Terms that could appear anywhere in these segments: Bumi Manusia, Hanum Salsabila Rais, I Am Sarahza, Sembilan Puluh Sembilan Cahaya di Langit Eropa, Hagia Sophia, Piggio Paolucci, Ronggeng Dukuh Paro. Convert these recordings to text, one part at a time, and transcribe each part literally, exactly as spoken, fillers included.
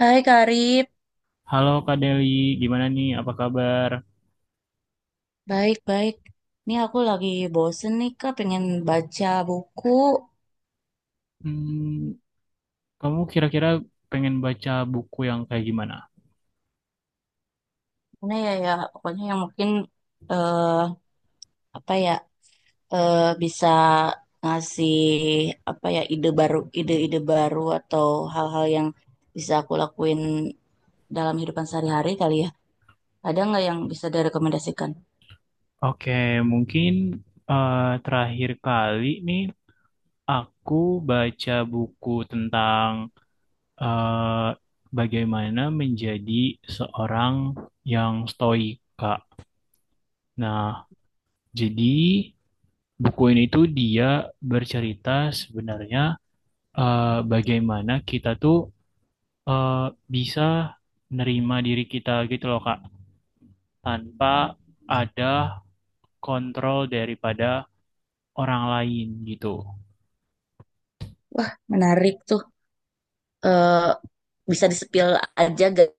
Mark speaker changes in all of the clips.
Speaker 1: Hai Karib,
Speaker 2: Halo Kak Deli, gimana nih? Apa kabar?
Speaker 1: baik-baik. Nih aku lagi bosen nih Kak, pengen baca buku.
Speaker 2: Hmm, kamu kira-kira pengen baca buku yang kayak gimana?
Speaker 1: Mana ya ya, pokoknya yang mungkin eh apa ya eh bisa ngasih apa ya ide baru, ide-ide baru atau hal-hal yang bisa aku lakuin dalam kehidupan sehari-hari kali ya. Ada nggak yang bisa direkomendasikan?
Speaker 2: Oke, mungkin eh, terakhir kali nih aku baca buku tentang eh, bagaimana menjadi seorang yang stoik, Kak. Nah, jadi buku ini tuh dia bercerita sebenarnya, eh, bagaimana kita tuh eh, bisa nerima diri kita gitu loh Kak, tanpa ada kontrol daripada orang lain gitu.
Speaker 1: Menarik tuh. Eh Bisa disepil aja gak,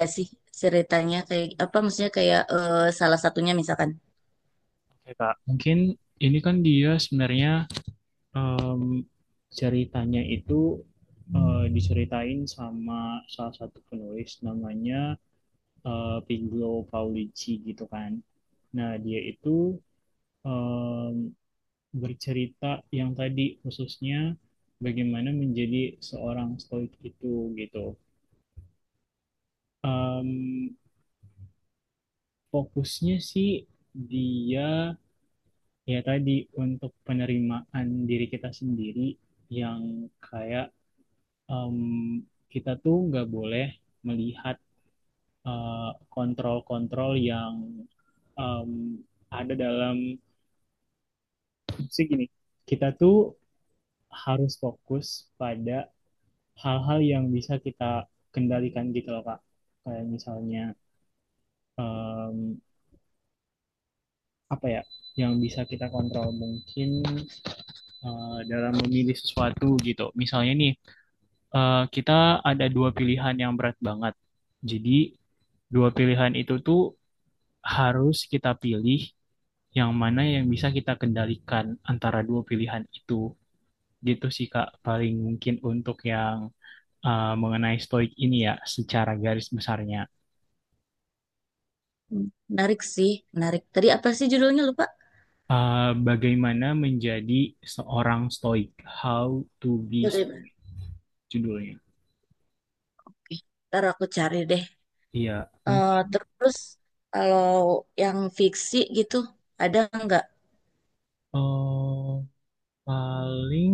Speaker 1: gak sih ceritanya kayak apa maksudnya kayak eh, salah satunya misalkan.
Speaker 2: Oke Kak, mungkin ini kan dia sebenarnya, em, ceritanya itu, eh, diceritain sama salah satu penulis namanya eh, Piggio Paolucci gitu kan. Nah dia itu em, bercerita yang tadi khususnya bagaimana menjadi seorang stoik itu gitu. Em, Fokusnya sih dia, ya tadi, untuk penerimaan diri kita sendiri yang kayak, em, kita tuh nggak boleh melihat eh, kontrol-kontrol yang, em, ada dalam, sih gini, kita tuh harus fokus pada hal-hal yang bisa kita kendalikan gitu loh Kak, kayak misalnya em, apa ya yang bisa kita kontrol, mungkin eh, dalam memilih sesuatu gitu. Misalnya nih, eh, kita ada dua pilihan yang berat banget. Jadi, dua pilihan itu tuh harus kita pilih yang mana yang bisa kita kendalikan antara dua pilihan itu. Gitu sih, Kak, paling mungkin untuk yang eh, mengenai stoik ini ya, secara garis besarnya.
Speaker 1: Hmm, menarik sih, menarik. Tadi apa sih judulnya lupa?
Speaker 2: Eh, bagaimana menjadi seorang stoik? How to be,
Speaker 1: Jadi, Mbak,
Speaker 2: judulnya.
Speaker 1: oke, ntar aku cari deh.
Speaker 2: Iya,
Speaker 1: Eh,
Speaker 2: mungkin
Speaker 1: terus kalau yang fiksi gitu ada nggak?
Speaker 2: eh, paling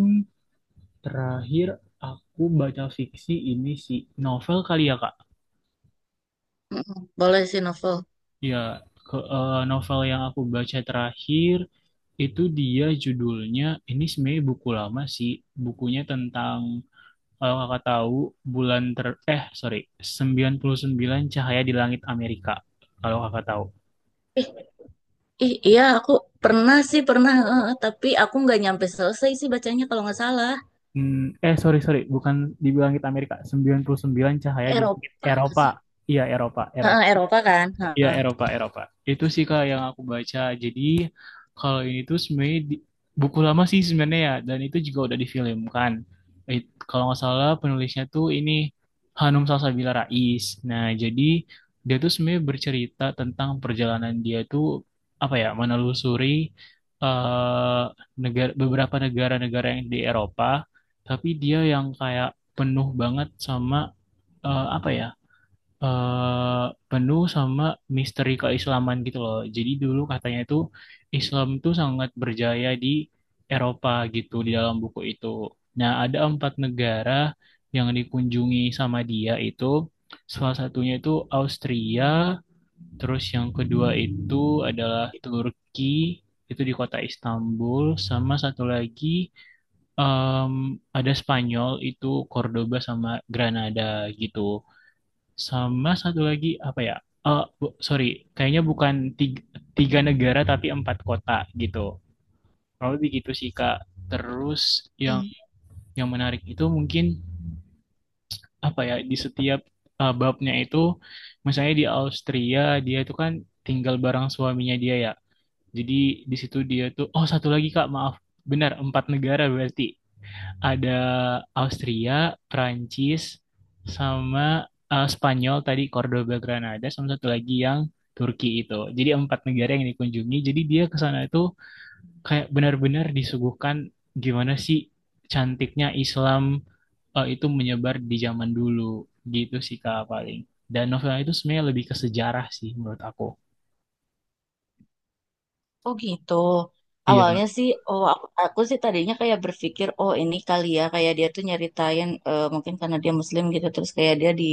Speaker 2: terakhir aku baca fiksi ini sih, novel kali ya Kak.
Speaker 1: Mm-mm, boleh sih novel.
Speaker 2: Ya, ke eh, novel yang aku baca terakhir itu dia judulnya, ini sebenarnya buku lama sih. Bukunya tentang, kalau Kakak tahu, bulan ter eh sorry sembilan puluh sembilan Cahaya di Langit Amerika. Kalau Kakak tahu.
Speaker 1: Ih, ih, iya aku pernah sih pernah, eh, eh, tapi aku nggak nyampe selesai sih bacanya kalau nggak salah.
Speaker 2: Hmm, eh sorry, sorry, bukan di Langit Amerika, sembilan puluh sembilan Cahaya di Langit
Speaker 1: Eropa nggak
Speaker 2: Eropa.
Speaker 1: sih?
Speaker 2: Iya, Eropa,
Speaker 1: Eh,
Speaker 2: Eropa.
Speaker 1: eh, Eropa kan?
Speaker 2: Iya,
Speaker 1: Heeh.
Speaker 2: Eropa, Eropa, itu sih kak yang aku baca. Jadi kalau ini tuh sebenarnya di- buku lama sih sebenarnya ya, dan itu juga udah difilmkan. Eh, Kalau nggak salah penulisnya tuh ini Hanum Salsabila Rais. Nah jadi dia tuh sebenarnya bercerita tentang perjalanan dia tuh, apa ya, menelusuri eh negara beberapa negara-negara yang di Eropa, tapi dia yang kayak penuh banget sama, eh, apa ya, eh penuh sama misteri keislaman gitu loh. Jadi dulu katanya itu Islam tuh sangat berjaya di Eropa gitu, di dalam buku itu. Nah, ada empat negara yang dikunjungi sama dia itu. Salah satunya itu Austria, terus yang kedua itu adalah Turki, itu di kota Istanbul, sama satu lagi em, ada Spanyol, itu Cordoba sama Granada gitu. Sama satu lagi apa ya? Eh, bu- sorry, kayaknya bukan tiga, tiga negara tapi empat kota gitu. Kalau begitu sih Kak. Terus yang
Speaker 1: Hmm.
Speaker 2: yang menarik itu mungkin apa ya? Di setiap eh, babnya itu, misalnya di Austria, dia itu kan tinggal bareng suaminya dia ya. Jadi di situ dia tuh, oh satu lagi Kak, maaf, benar empat negara berarti. Ada Austria, Prancis, sama eh, Spanyol tadi, Cordoba, Granada, sama satu lagi yang Turki itu. Jadi empat negara yang dikunjungi. Jadi dia ke sana itu kayak benar-benar disuguhkan gimana sih cantiknya Islam eh, itu menyebar di zaman dulu, gitu sih Kak paling. Dan novelnya itu sebenarnya lebih ke sejarah sih menurut aku.
Speaker 1: Oh gitu.
Speaker 2: Iya.
Speaker 1: Awalnya sih, oh aku, aku sih tadinya kayak berpikir, oh ini kali ya, kayak dia tuh nyeritain eh, mungkin karena dia Muslim gitu, terus kayak dia di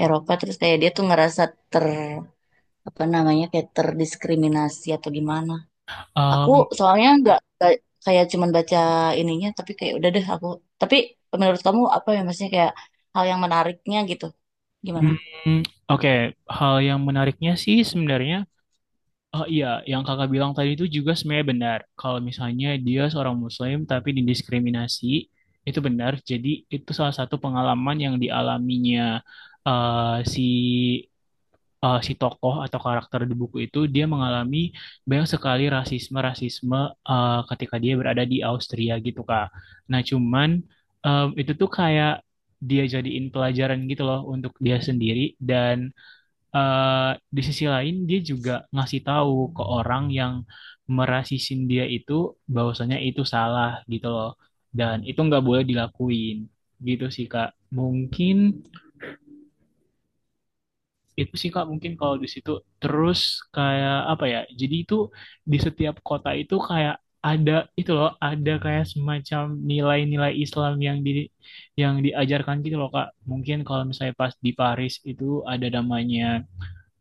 Speaker 1: Eropa, terus kayak dia tuh ngerasa ter apa namanya kayak terdiskriminasi atau gimana. Aku
Speaker 2: Um,
Speaker 1: soalnya nggak nggak kayak cuman baca ininya, tapi kayak udah deh aku. Tapi menurut kamu apa ya maksudnya kayak hal yang menariknya gitu? Gimana?
Speaker 2: mm, oke. Hal yang menariknya sih sebenarnya, oh iya, yang kakak bilang tadi itu juga sebenarnya benar. Kalau misalnya dia seorang Muslim tapi didiskriminasi, itu benar. Jadi itu salah satu pengalaman yang dialaminya, eh, si, eh, si tokoh atau karakter di buku itu, dia mengalami banyak sekali rasisme-rasisme eh, ketika dia berada di Austria gitu Kak. Nah cuman em, itu tuh kayak dia jadiin pelajaran gitu loh untuk dia sendiri. Dan eh, di sisi lain dia juga ngasih tahu ke orang yang merasisin dia itu bahwasanya itu salah gitu loh, dan itu nggak boleh dilakuin. Gitu sih Kak mungkin, itu sih Kak mungkin kalau di situ. Terus kayak apa ya, jadi itu di setiap kota itu kayak ada, itu loh ada kayak semacam nilai-nilai Islam yang di yang diajarkan gitu loh Kak. Mungkin kalau misalnya pas di Paris itu ada namanya,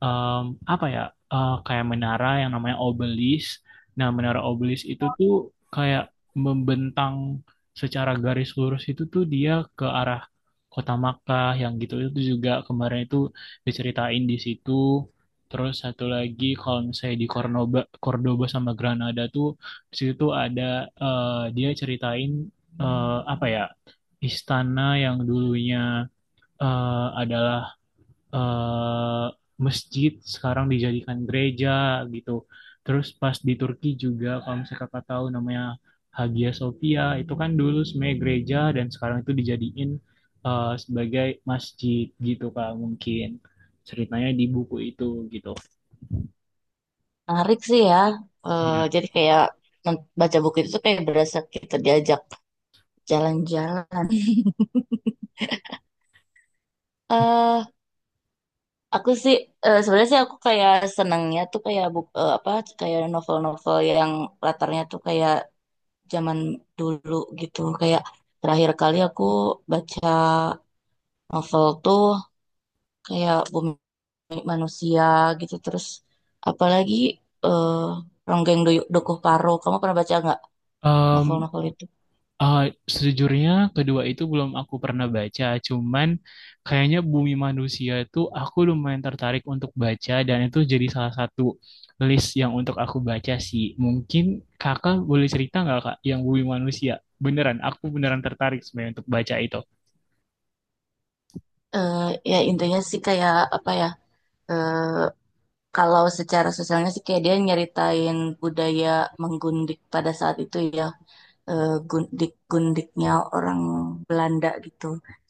Speaker 2: em, apa ya, eh, kayak menara yang namanya obelisk. Nah, menara obelisk itu tuh kayak membentang secara garis lurus, itu tuh dia ke arah kota Makkah yang gitu, itu juga kemarin itu diceritain di situ. Terus satu lagi kalau misalnya di Cordoba, Cordoba sama Granada tuh, di situ tuh ada, eh, dia ceritain eh, apa ya, istana yang dulunya eh, adalah eh, masjid, sekarang dijadikan gereja gitu. Terus pas di Turki juga kalau misalnya kakak tahu namanya Hagia Sophia, itu kan dulu sebenarnya gereja dan sekarang itu dijadiin eh, sebagai masjid gitu kak, mungkin ceritanya di buku itu gitu.
Speaker 1: Menarik sih ya. Eh,
Speaker 2: Iya.
Speaker 1: jadi kayak men- baca buku itu tuh kayak berasa kita diajak jalan-jalan. eh aku sih eh, sebenarnya sih aku kayak senangnya tuh kayak buk eh, apa kayak novel-novel yang latarnya tuh kayak zaman dulu gitu. Kayak terakhir kali aku baca novel tuh kayak Bumi Manusia gitu terus apalagi eh Ronggeng Doy- Dukuh Paro. Kamu pernah baca nggak
Speaker 2: Em,
Speaker 1: novel-novel itu?
Speaker 2: Eh, Sejujurnya kedua itu belum aku pernah baca, cuman kayaknya Bumi Manusia tuh aku lumayan tertarik untuk baca, dan itu jadi salah satu list yang untuk aku baca sih. Mungkin kakak boleh cerita nggak kak yang Bumi Manusia? Beneran, aku beneran tertarik sebenarnya untuk baca itu.
Speaker 1: Eh Ya intinya sih kayak apa ya? Kalau secara sosialnya sih kayak dia nyeritain budaya menggundik pada saat itu ya, eh, gundik-gundiknya orang Belanda gitu.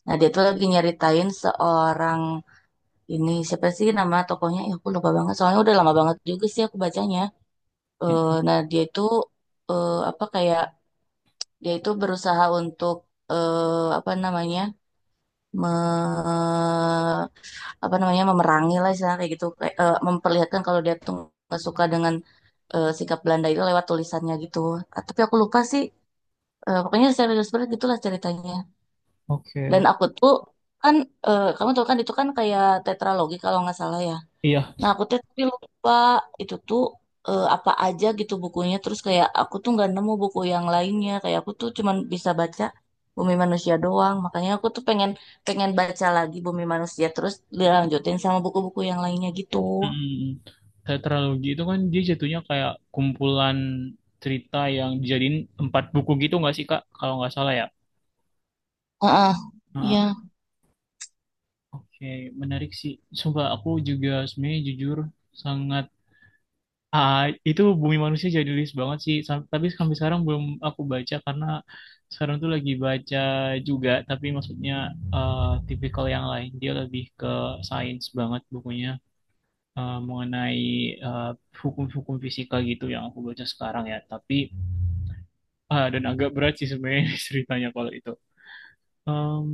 Speaker 1: Nah dia tuh lagi nyeritain seorang ini siapa sih nama tokohnya? Ya, aku lupa banget. Soalnya udah lama banget juga sih aku bacanya. Eh, nah dia itu eh, apa kayak dia itu berusaha untuk eh, apa namanya me apa namanya memerangi lah istilahnya kayak gitu kayak eh, memperlihatkan kalau dia tuh nggak suka dengan eh, sikap Belanda itu lewat tulisannya gitu. Ah, tapi aku lupa sih eh, pokoknya serius banget gitulah ceritanya.
Speaker 2: Oke,
Speaker 1: Dan
Speaker 2: oke.
Speaker 1: aku tuh kan eh, kamu tahu kan itu kan kayak tetralogi kalau nggak salah ya.
Speaker 2: Iya.
Speaker 1: Nah, aku tuh tapi lupa itu tuh eh, apa aja gitu bukunya. Terus kayak aku tuh nggak nemu buku yang lainnya. Kayak aku tuh cuman bisa baca Bumi Manusia doang. Makanya aku tuh pengen pengen baca lagi Bumi Manusia. Terus dilanjutin sama buku-buku yang lainnya gitu.
Speaker 2: Mm, tetralogi itu kan dia jatuhnya kayak kumpulan cerita yang dijadiin empat buku gitu nggak sih Kak? Kalau nggak salah ya.
Speaker 1: Heeh.
Speaker 2: Nah,
Speaker 1: Iya.
Speaker 2: oke, menarik sih. Sumpah aku juga sebenarnya jujur sangat, ah, itu Bumi Manusia jadi list banget sih. Sam- Tapi sampai sekarang belum aku baca karena sekarang tuh lagi baca juga. Tapi maksudnya eh, tipikal yang lain. Dia lebih ke sains banget bukunya, eh, mengenai eh, hukum-hukum fisika gitu yang aku baca sekarang ya. Tapi ah, dan agak berat sih sebenarnya ceritanya kalau itu. Em,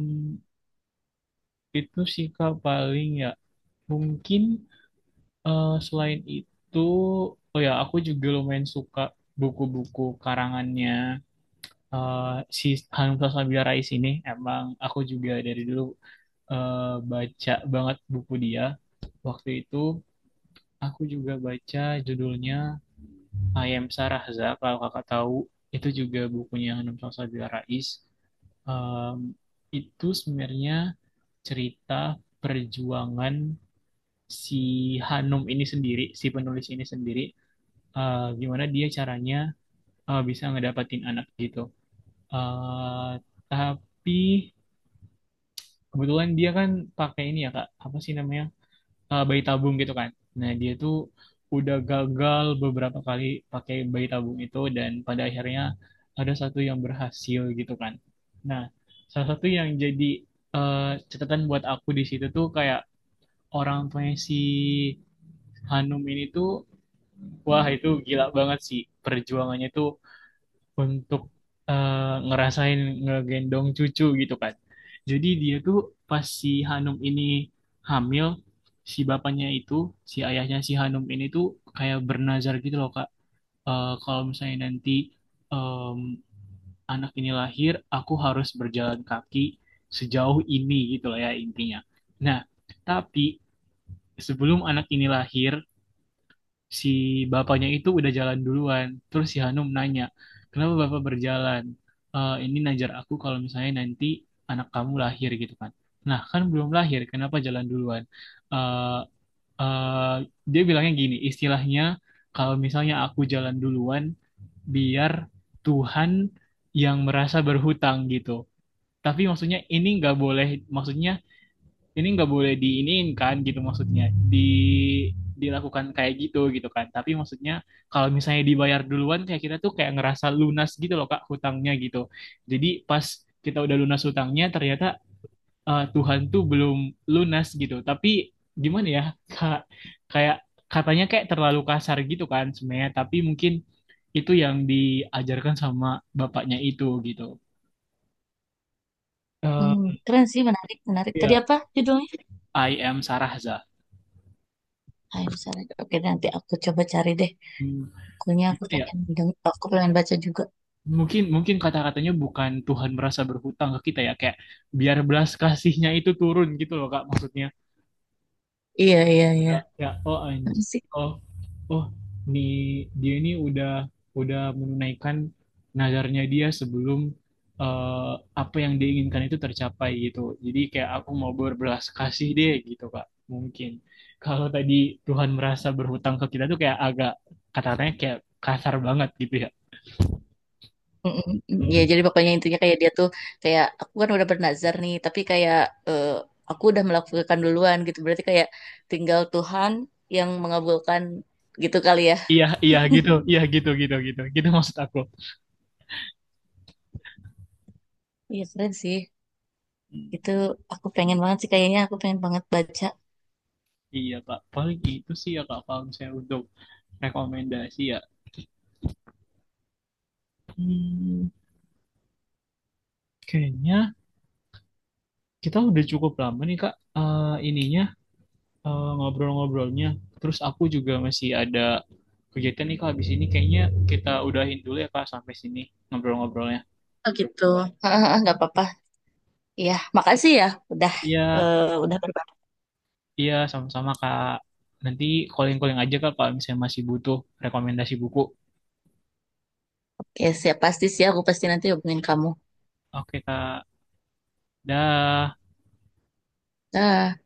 Speaker 2: itu sih Kak paling ya. Mungkin eh, selain itu, oh ya, aku juga lumayan suka buku-buku karangannya. Eh, si Hanum Sasmabila Rais ini emang aku juga dari dulu eh, baca banget buku dia. Waktu itu aku juga baca judulnya I Am Sarahza, kalau kakak tahu, itu juga bukunya Hanum Sasmabila Rais. Em, itu sebenarnya cerita perjuangan si Hanum ini sendiri, si penulis ini sendiri, eh, gimana dia caranya eh, bisa ngedapatin anak gitu. Eh, tapi kebetulan dia kan pakai ini ya Kak, apa sih namanya? Eh, bayi tabung gitu kan. Nah, dia tuh udah gagal beberapa kali pakai bayi tabung itu, dan pada akhirnya ada satu yang berhasil gitu kan. Nah, salah satu yang jadi eh, catatan buat aku di situ tuh kayak, orang tuanya si Hanum ini tuh, wah itu gila banget sih perjuangannya tuh, untuk eh, ngerasain ngegendong cucu gitu kan. Jadi dia tuh, pas si Hanum ini hamil, si bapaknya itu, si ayahnya si Hanum ini tuh, kayak bernazar gitu loh Kak. Eh, kalau misalnya nanti em, anak ini lahir, aku harus berjalan kaki sejauh ini, gitu lah ya intinya. Nah, tapi sebelum anak ini lahir, si bapaknya itu udah jalan duluan. Terus si Hanum nanya, kenapa bapak berjalan? "Eh, ini najar aku kalau misalnya nanti anak kamu lahir gitu kan. Nah, kan belum lahir, kenapa jalan duluan? Eh, eh, Dia bilangnya gini, istilahnya, kalau misalnya aku jalan duluan, biar Tuhan yang merasa berhutang gitu. Tapi maksudnya ini nggak boleh, maksudnya ini nggak boleh diinin kan, gitu maksudnya di dilakukan kayak gitu, gitu kan. Tapi maksudnya kalau misalnya dibayar duluan, kayak kita tuh kayak ngerasa lunas gitu loh kak, hutangnya gitu. Jadi pas kita udah lunas hutangnya, ternyata eh, Tuhan tuh belum lunas gitu. Tapi gimana ya kak, kayak katanya kayak terlalu kasar gitu kan sebenarnya, tapi mungkin itu yang diajarkan sama bapaknya itu gitu.
Speaker 1: Hmm,
Speaker 2: Eh,
Speaker 1: keren sih, menarik, menarik. Tadi
Speaker 2: Ya,
Speaker 1: apa judulnya?
Speaker 2: I Am Sarahza.
Speaker 1: Hai, Sarah. Oke, nanti aku coba cari deh.
Speaker 2: Hmm,
Speaker 1: Bukunya aku
Speaker 2: Gimana ya?
Speaker 1: pengen deng- aku pengen baca juga.
Speaker 2: Mungkin mungkin kata-katanya bukan Tuhan merasa berhutang ke kita ya, kayak biar belas kasihnya itu turun gitu loh Kak maksudnya.
Speaker 1: Iya, iya, iya.
Speaker 2: Ya, ya, oh,
Speaker 1: Apa
Speaker 2: anj-
Speaker 1: sih?
Speaker 2: oh oh nih dia ini udah udah menunaikan nazarnya dia sebelum eh, apa yang diinginkan itu tercapai gitu. Jadi kayak aku mau berbelas kasih deh gitu Kak. Mungkin kalau tadi Tuhan merasa berhutang ke kita tuh kayak agak, kata-katanya kayak kasar banget gitu
Speaker 1: Mm-mm. Ya, jadi
Speaker 2: ya.
Speaker 1: pokoknya intinya kayak dia tuh kayak aku kan udah bernazar nih, tapi kayak eh, aku udah melakukan duluan gitu. Berarti kayak tinggal Tuhan yang mengabulkan gitu kali ya.
Speaker 2: Iya, iya gitu, iya gitu, gitu, gitu, gitu maksud aku.
Speaker 1: Iya keren sih. Itu aku pengen banget sih kayaknya aku pengen banget baca.
Speaker 2: Iya kak, paling itu sih ya kak kalau misalnya untuk rekomendasi ya. Hmm, kayaknya kita udah cukup lama nih kak, eh, ininya, eh, ngobrol-ngobrolnya. Terus aku juga masih ada kegiatan nih kak habis ini, kayaknya kita udahin dulu ya kak sampai sini ngobrol-ngobrolnya.
Speaker 1: Oh gitu. Ah ah, ah, Nggak apa-apa. Iya, makasih ya udah
Speaker 2: Iya,
Speaker 1: eh, udah berbagi.
Speaker 2: iya sama-sama kak. Nanti calling-calling aja kak kalau misalnya masih butuh rekomendasi buku.
Speaker 1: Ya siap pasti sih aku pasti nanti hubungin kamu.
Speaker 2: Oke kak, dah.
Speaker 1: Dah.